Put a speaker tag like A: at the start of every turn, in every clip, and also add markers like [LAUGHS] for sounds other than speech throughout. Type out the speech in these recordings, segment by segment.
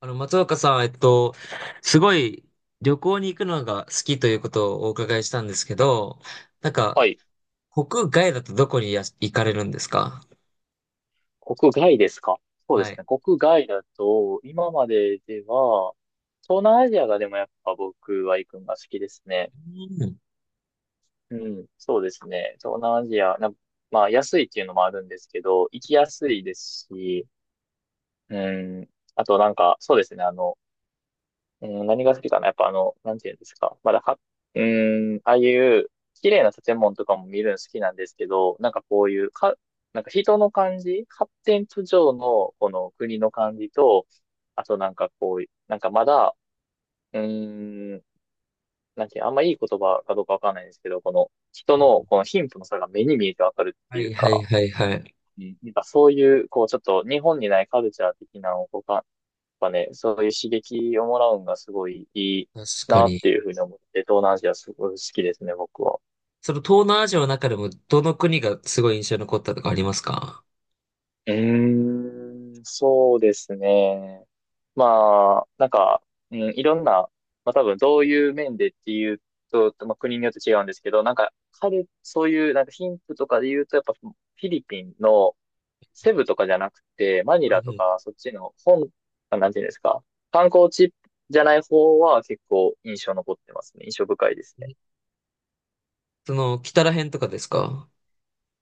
A: 松岡さん、すごい旅行に行くのが好きということをお伺いしたんですけど、なん
B: は
A: か、
B: い。
A: 国外だとどこにや行かれるんですか？
B: 国外ですか？そうで
A: は
B: す
A: い。
B: ね。国外だと、今まででは、東南アジアがでもやっぱ僕は行くのが好きですね。
A: うん。
B: うん。そうですね。東南アジア、まあ安いっていうのもあるんですけど、行きやすいですし、うん。あとなんか、そうですね。うん、何が好きかなやっぱなんていうんですか。まだは、うーん、ああいう綺麗な建物とかも見るの好きなんですけど、なんかこういう、なんか人の感じ、発展途上のこの国の感じと、あとなんかこう、なんかまだ、うーん、なんていう、あんまいい言葉かどうかわかんないんですけど、この人のこの貧富の差が目に見えてわかるっ
A: は
B: ていう
A: いはい
B: か、
A: はいはい。
B: うんなんかそういう、こうちょっと日本にないカルチャー的なのをこうかぱね、そういう刺激をもらうんがすごいいい
A: 確か
B: なっ
A: に。
B: ていうふうに思って、東南アジアすごい好きですね、僕は。
A: その東南アジアの中でもどの国がすごい印象に残ったとかありますか？
B: うーん、そうですね。まあ、なんか、うん、いろんな、まあ多分どういう面でっていうと、まあ、国によって違うんですけど、なんか、そういう、なんか貧富とかで言うと、やっぱフィリピンのセブとかじゃなくて、マニ
A: は
B: ラ
A: い
B: と
A: はい。
B: か、そっちの本、あなんていうんですか、観光地じゃない方は結構印象残ってますね。印象深いですね。
A: その、北ら辺とかですか？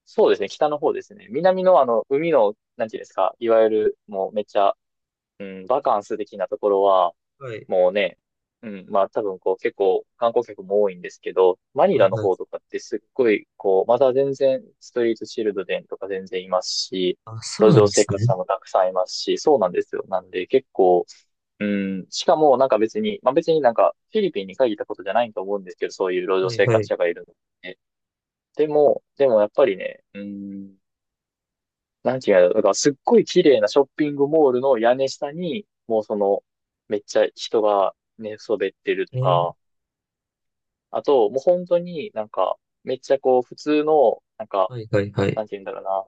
B: そうですね、北の方ですね。南の海の、なんていうんですか、いわゆる、もうめっちゃ、うん、バカンス的なところは、
A: はい。
B: もうね、うん、まあ多分こう結構観光客も多いんですけど、マニ
A: はい
B: ラの
A: はい。
B: 方とかってすっごい、こう、まだ全然ストリートチルドレンとか全然いますし、
A: あ、そ
B: 路
A: うなん
B: 上
A: で
B: 生
A: す
B: 活
A: ね。
B: 者もたくさんいますし、そうなんですよ。なんで結構、うん、しかもなんか別に、まあ別になんかフィリピンに限ったことじゃないと思うんですけど、そういう路上
A: はい
B: 生
A: は
B: 活
A: い。
B: 者がいるので。でもやっぱりね、うん、なんていうの、だからすっごい綺麗なショッピングモールの屋根下に、もうその、めっちゃ人が寝そべってると
A: えー。
B: か、あと、もう本当になんか、めっちゃこう、普通の、なんか、
A: はいはいはい。
B: なんていうんだろうな、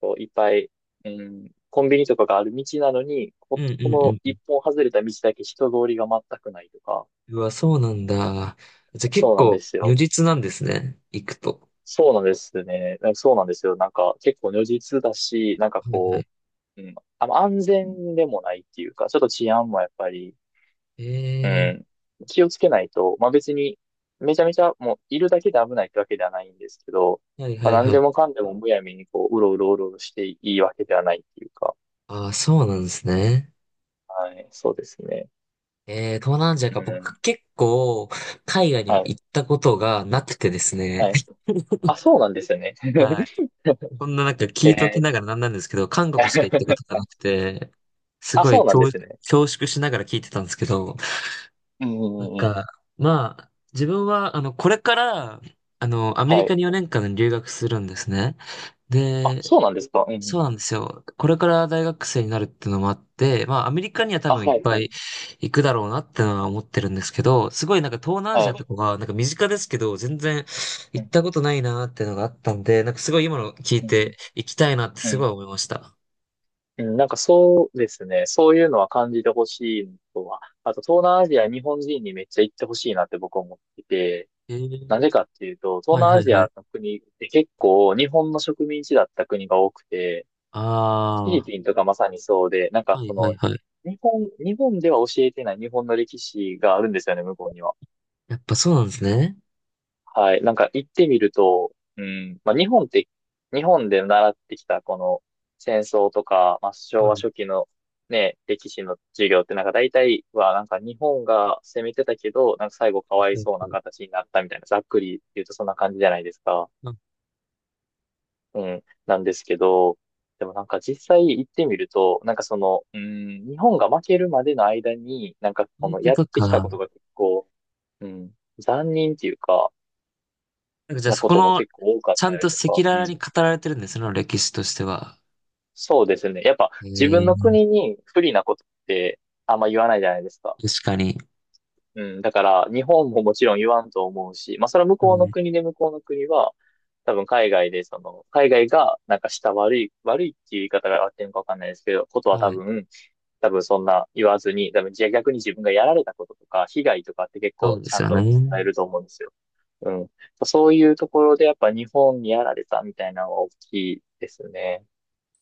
B: こう、いっぱい、うん、コンビニとかがある道なのに、
A: う
B: こ、
A: んう
B: この
A: んう
B: 一
A: ん。
B: 本外れた道だけ人通りが全くないとか、
A: うわ、そうなんだ。じゃあ結
B: そうなんで
A: 構
B: す
A: 如
B: よ。
A: 実なんですね。行くと。
B: そうなんですね。なんかそうなんですよ。なんか、結構如実だし、なんか
A: はいは
B: こ
A: い。
B: う、うん、安全でもないっていうか、ちょっと治安もやっぱり、う
A: え
B: ん。気をつけないと、まあ別に、めちゃめちゃもういるだけで危ないってわけではないんですけど、
A: ー、はいは
B: まあ
A: い
B: 何
A: は
B: で
A: い。
B: もかんでもむやみにこう、うろうろうろうろしていいわけではないっていうか、
A: ああ、そうなんですね。
B: はい、そうですね。
A: えー、東南アジアか。
B: うん。
A: 僕結構海外には
B: はい、
A: 行ったことがなくてですね。
B: はい。
A: [LAUGHS]
B: あ、そうなんですよね。
A: はい。
B: [LAUGHS]
A: こんななんか聞
B: え
A: いときな
B: ー
A: がらなんなんですけど、韓国しか行ったことが
B: [LAUGHS]
A: なくて、す
B: あ、
A: ご
B: そ
A: い
B: うなん
A: 恐、
B: ですね。
A: 恐縮しながら聞いてたんですけど、
B: うんう
A: なん
B: んうんうん。
A: か、まあ、自分は、これから、アメ
B: は
A: リカ
B: い。
A: に4年間留学するんですね。
B: あ、
A: で、
B: そうなんですか。うんうんう
A: そうなんで
B: ん。
A: すよ。これから大学生になるっていうのもあって、まあ、アメリカには多
B: あ、
A: 分いっ
B: はい、
A: ぱ
B: はい、
A: い行くだろうなってのは思ってるんですけど、すごいなんか東南アジ
B: は
A: アと
B: い。
A: かが、なんか身近ですけど、全然行
B: う
A: っ
B: ん、
A: たことないなっていうのがあったんで、なんかすごい今の聞い
B: うん、
A: て行きたいなって
B: う
A: すごい
B: ん。
A: 思いました。
B: うん、なんかそうですね。そういうのは感じてほしいのとは。あと、東南アジア、日本人にめっちゃ行ってほしいなって僕は思ってて、
A: え
B: な
A: ー、
B: ぜかっていうと、東
A: はい
B: 南
A: は
B: ア
A: い
B: ジ
A: はい。
B: アの国って結構日本の植民地だった国が多くて、フィリ
A: ああ、
B: ピンとかまさにそうで、なんか
A: はい
B: こ
A: はい
B: の、
A: はい。
B: 日本では教えてない日本の歴史があるんですよね、向こうには。
A: やっぱそうなんですね。
B: はい。なんか行ってみると、うん、まあ日本って、日本で習ってきたこの戦争とか、まあ
A: は
B: 昭
A: い
B: 和
A: は
B: 初期のね、歴史の授業ってなんか大体はなんか日本が攻めてたけど、なんか最後かわい
A: い
B: そうな
A: はい。
B: 形になったみたいな、ざっくり言うとそんな感じじゃないですか。
A: あそ
B: うん。なんですけど、でもなんか実際行ってみると、なんかその、うん、日本が負けるまでの間に、なんかこ
A: う
B: の
A: こ
B: やっ
A: と
B: て
A: か。
B: きた
A: な
B: ことが結構、うん、残忍っていうか、
A: んかじゃあ
B: な
A: そ
B: こ
A: こ
B: とも
A: の、
B: 結構多かっ
A: ちゃ
B: たり
A: んと赤
B: とか、
A: 裸
B: う
A: 々に
B: ん。
A: 語られてるんですね、その歴史としては。
B: そうですね。やっぱ
A: え
B: 自分
A: え、
B: の国に不利なことってあんま言わないじゃないですか。
A: 確かに。
B: うん。だから日本ももちろん言わんと思うし、まあそれは向
A: う
B: こうの
A: ん。
B: 国で向こうの国は、多分海外でその、海外がなんかした悪い、悪いっていう言い方が合ってるのかわかんないですけど、ことは
A: は
B: 多
A: い。
B: 分、多分そんな言わずに、多分じゃあ逆に自分がやられたこととか、被害とかって結
A: そ
B: 構
A: うで
B: ち
A: す
B: ゃん
A: よ
B: と
A: ね。
B: 伝えると思うんですよ。うん。そういうところでやっぱ日本にやられたみたいなのは大きいですね。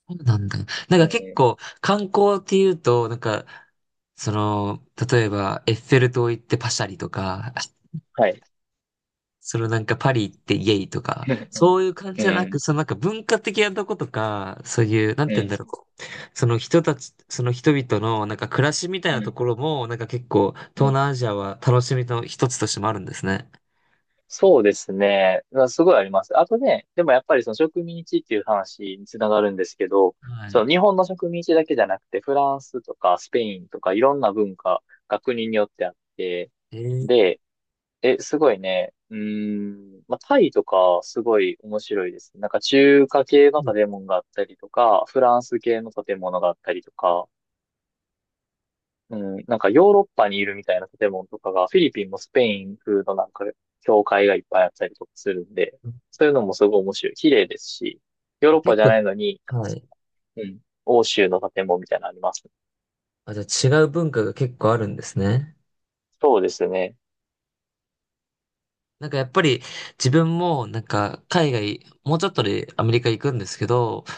A: そうなんだ。なん
B: う
A: か結
B: ん。
A: 構、観光っていうと、なんか、その、例えば、エッフェル塔行ってパシャリとか、
B: はい。
A: そのなんかパリ行ってイエイとか、
B: [LAUGHS]
A: そういう感じ
B: う
A: じゃなく、
B: ん。
A: そのなんか文化的なとことか、そういう、なん
B: うん。
A: て言
B: う
A: うんだろ
B: ん。
A: う。その人たち、その人々のなんか暮らしみたい
B: う
A: なと
B: ん
A: ころも、なんか結構
B: う
A: 東
B: ん
A: 南アジアは楽しみの一つとしてもあるんですね。
B: そうですね。まあすごいあります。あとね、でもやっぱりその植民地っていう話につながるんですけど、
A: は
B: そ
A: い。
B: の日本の植民地だけじゃなくて、フランスとかスペインとかいろんな文化が国によってあって、
A: えー、
B: で、すごいね。うーん。まあ、タイとか、すごい面白いです。なんか中華系の建物があったりとか、フランス系の建物があったりとか、うん。なんかヨーロッパにいるみたいな建物とかが、フィリピンもスペイン風のなんか、教会がいっぱいあったりとかするんで、そういうのもすごい面白い。綺麗ですし、ヨーロッパ
A: 結
B: じゃないのに、なん
A: 構、
B: か
A: はい。
B: うん。欧州の建物みたいなのあります。
A: あ、じゃあ違う文化が結構あるんですね。
B: そうですね。
A: なんかやっぱり自分もなんか海外、もうちょっとでアメリカ行くんですけど、やっ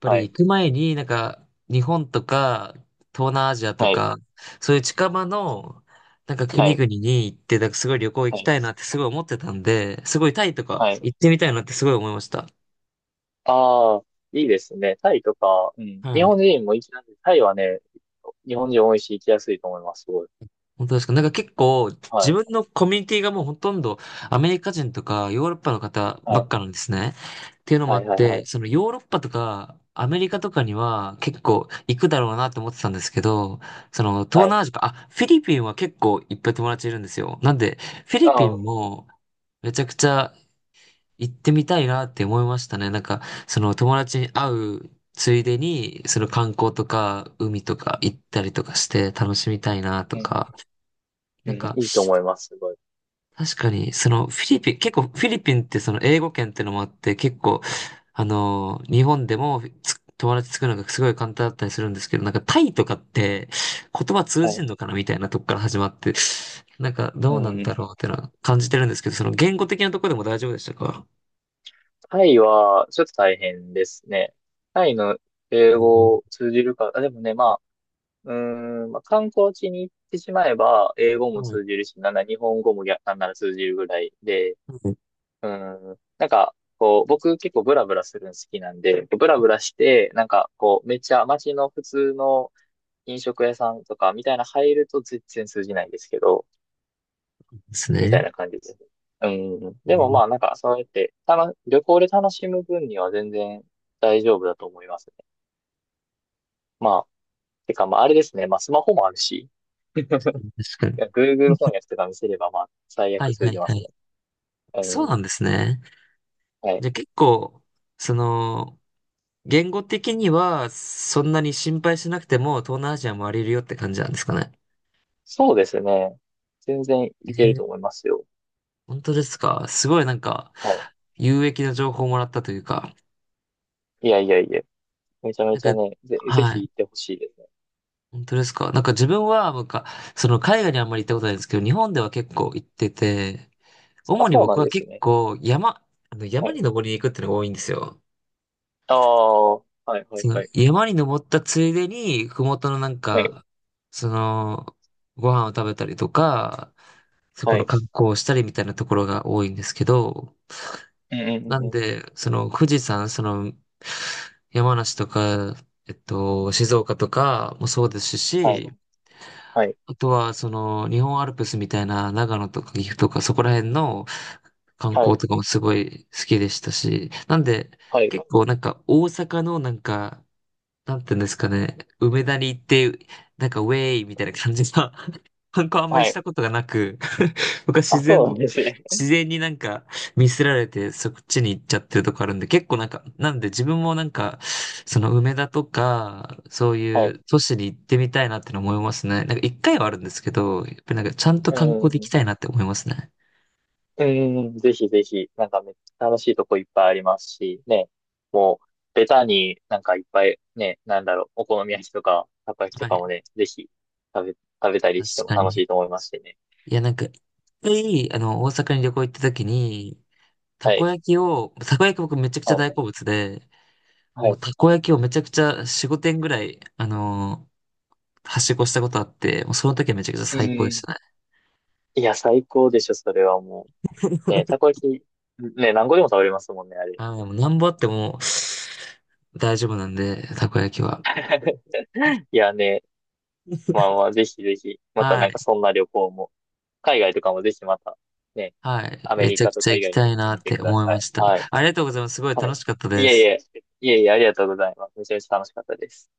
A: ぱ
B: は
A: り行
B: い。
A: く前になんか日本とか東南アジアと
B: はい。
A: か、そういう近場のなんか
B: は
A: 国
B: い。
A: 々に行って、なんかすごい旅行行
B: は
A: きた
B: い。
A: いなってすごい思ってたんで、すごいタイとか
B: はい。
A: 行ってみたいなってすごい思いました。
B: ああ、いいですね。タイとか、うん。日
A: は
B: 本
A: い。
B: 人も行きなんで、タイはね、日本人多いし行きやすいと思います、すごい。
A: 本当ですか？なんか結構
B: は
A: 自
B: い。
A: 分のコミュニティがもうほとんどアメリカ人とかヨーロッパの方ば
B: は
A: っかな
B: い。
A: んですね。っていうのもあ
B: はい、
A: っ
B: はい、は
A: て、
B: い。
A: そのヨーロッパとかアメリカとかには結構行くだろうなと思ってたんですけど、その東
B: はい。
A: 南アジアか、あ、フィリピンは結構いっぱい友達いるんですよ。なんでフィリ
B: あ
A: ピ
B: あ、
A: ン
B: う
A: もめちゃくちゃ行ってみたいなって思いましたね。なんかその友達に会うついでにその観光とか海とか行ったりとかして楽しみたいなと
B: ん。
A: か。
B: う
A: なんか
B: ん、いいと思います、すごい。
A: 確かに、そのフィリピン、結構フィリピンってその英語圏ってのもあって、結構、日本でもつ友達作るのがすごい簡単だったりするんですけど、なんかタイとかって言葉通
B: は
A: じん
B: い。
A: のかなみたいなとこから始まって、なんか
B: う
A: どうなんだ
B: ん。
A: ろうってのは感じてるんですけど、その言語的なところでも大丈夫でしたか？
B: タイは、ちょっと大変ですね。タイの英
A: うん。
B: 語通じるか、あ、でもね、まあ、まあ、観光地に行ってしまえば、英語も
A: そう
B: 通じるし、なんなら日本語も逆なんなら通じるぐらいで、
A: なんで
B: うん。なんか、こう、僕結構ブラブラするの好きなんで、ブラブラして、なんか、こう、めっちゃ街の普通の飲食屋さんとかみたいな入ると全然通じないんですけど、
A: す
B: みたい
A: ね。
B: な感じです。うん。
A: う
B: でも
A: ん。
B: まあ、なんか、そうやって、旅行で楽しむ分には全然大丈夫だと思いますね。まあ、てか、まあ、あれですね。まあ、スマホもあるし、
A: 確か
B: い
A: に。
B: や Google 翻訳とか見せれば、まあ、最
A: は
B: 悪
A: いは
B: 通
A: い
B: じま
A: は
B: す
A: い。
B: ね。う
A: そうな
B: ん。
A: んですね。
B: はい。
A: じゃあ結構、その、言語的には、そんなに心配しなくても、東南アジア回れるよって感じなんですかね。
B: そうですね。全然い
A: え
B: けると
A: ー。
B: 思いますよ。
A: 本当ですか？すごいなんか、
B: はい
A: 有益な情報をもらったというか、
B: いやいやいや、めちゃめ
A: なん
B: ちゃ
A: か、
B: ね、ぜ、ぜ
A: は
B: ひ
A: い。
B: 行ってほしいですね。
A: 本当ですか？なんか自分は、なんか、その海外にあんまり行ったことないんですけど、日本では結構行ってて、
B: あ、
A: 主に
B: そうな
A: 僕
B: ん
A: は
B: です
A: 結
B: ね。
A: 構山、あの
B: は
A: 山に
B: い。
A: 登りに行くっていうのが多いんですよ。
B: ああ、はいはい
A: その
B: はい。
A: 山に登ったついでに、ふもとのなん
B: はい。
A: か、その、ご飯を食べたりとか、そこ
B: は
A: の
B: い。
A: 観光をしたりみたいなところが多いんですけど、
B: うんうんう
A: な
B: ん
A: ん
B: うん。
A: で、その富士山、その山梨とか、静岡とかもそうです
B: はい。
A: し、
B: はい。
A: あとはその日本アルプスみたいな長野とか岐阜とかそこら辺の観
B: は
A: 光
B: い。
A: とかもすごい好きでしたし、なんで
B: はい。
A: 結構なんか大阪のなんかなんていうんですかね、梅田に行って、なんかウェイみたいな感じの [LAUGHS] 観光あんまり
B: は
A: した
B: い。
A: ことがなく [LAUGHS] 僕は
B: あ、そうなんですね。
A: 自然になんかミスられてそっちに行っちゃってるとこあるんで、結構なんか、なんで自分もなんか、その梅田とか、そう
B: [LAUGHS] は
A: い
B: い。
A: う都市に行ってみたいなっての思いますね。なんか一回はあるんですけど、やっぱりなんかちゃんと
B: う
A: 観
B: んう
A: 光で
B: ん
A: 行
B: うん。
A: きたいなって思いますね。
B: うんうん、ぜひぜひ、なんかめっちゃ楽しいとこいっぱいありますし、ね、もう、ベタになんかいっぱい、ね、なんだろう、お好み焼きとか、たこ焼きと
A: は
B: かも
A: い、
B: ね、ぜひ食べ、食べたり
A: 確
B: しても
A: か
B: 楽し
A: に。
B: いと思いますしね。
A: いや、なんか、一回、大阪に旅行行った時に、
B: はい。
A: たこ焼き僕めちゃくちゃ
B: は
A: 大
B: い。
A: 好物で、
B: は
A: もう
B: い。
A: たこ焼きをめちゃくちゃ4、5点ぐらい、はしごしたことあって、もうその時はめちゃくちゃ
B: う
A: 最高でし
B: ん。
A: たね。
B: いや、最高でしょ、それはもう。ね、
A: [LAUGHS]
B: たこ焼き、ね、何個でも食べれますもんね、あれ。
A: あー、もうなんぼあっても大丈夫なんで、たこ焼きは。
B: [LAUGHS] いやね、まあまあ、ぜひぜひ、また
A: は
B: なんか
A: い。
B: そんな旅行も、海外とかもぜひまた、ね、
A: はい。
B: アメ
A: め
B: リ
A: ちゃ
B: カ
A: く
B: と
A: ちゃ
B: か以
A: 行き
B: 外に
A: た
B: も
A: い
B: 行って
A: な
B: み
A: っ
B: て
A: て
B: くだ
A: 思い
B: さ
A: ま
B: い。
A: した。
B: はい。
A: ありがとうございます。すごい
B: は
A: 楽
B: い。
A: しかった
B: い
A: で
B: えい
A: す。
B: え、いえいえ、ありがとうございます。めちゃめちゃ楽しかったです。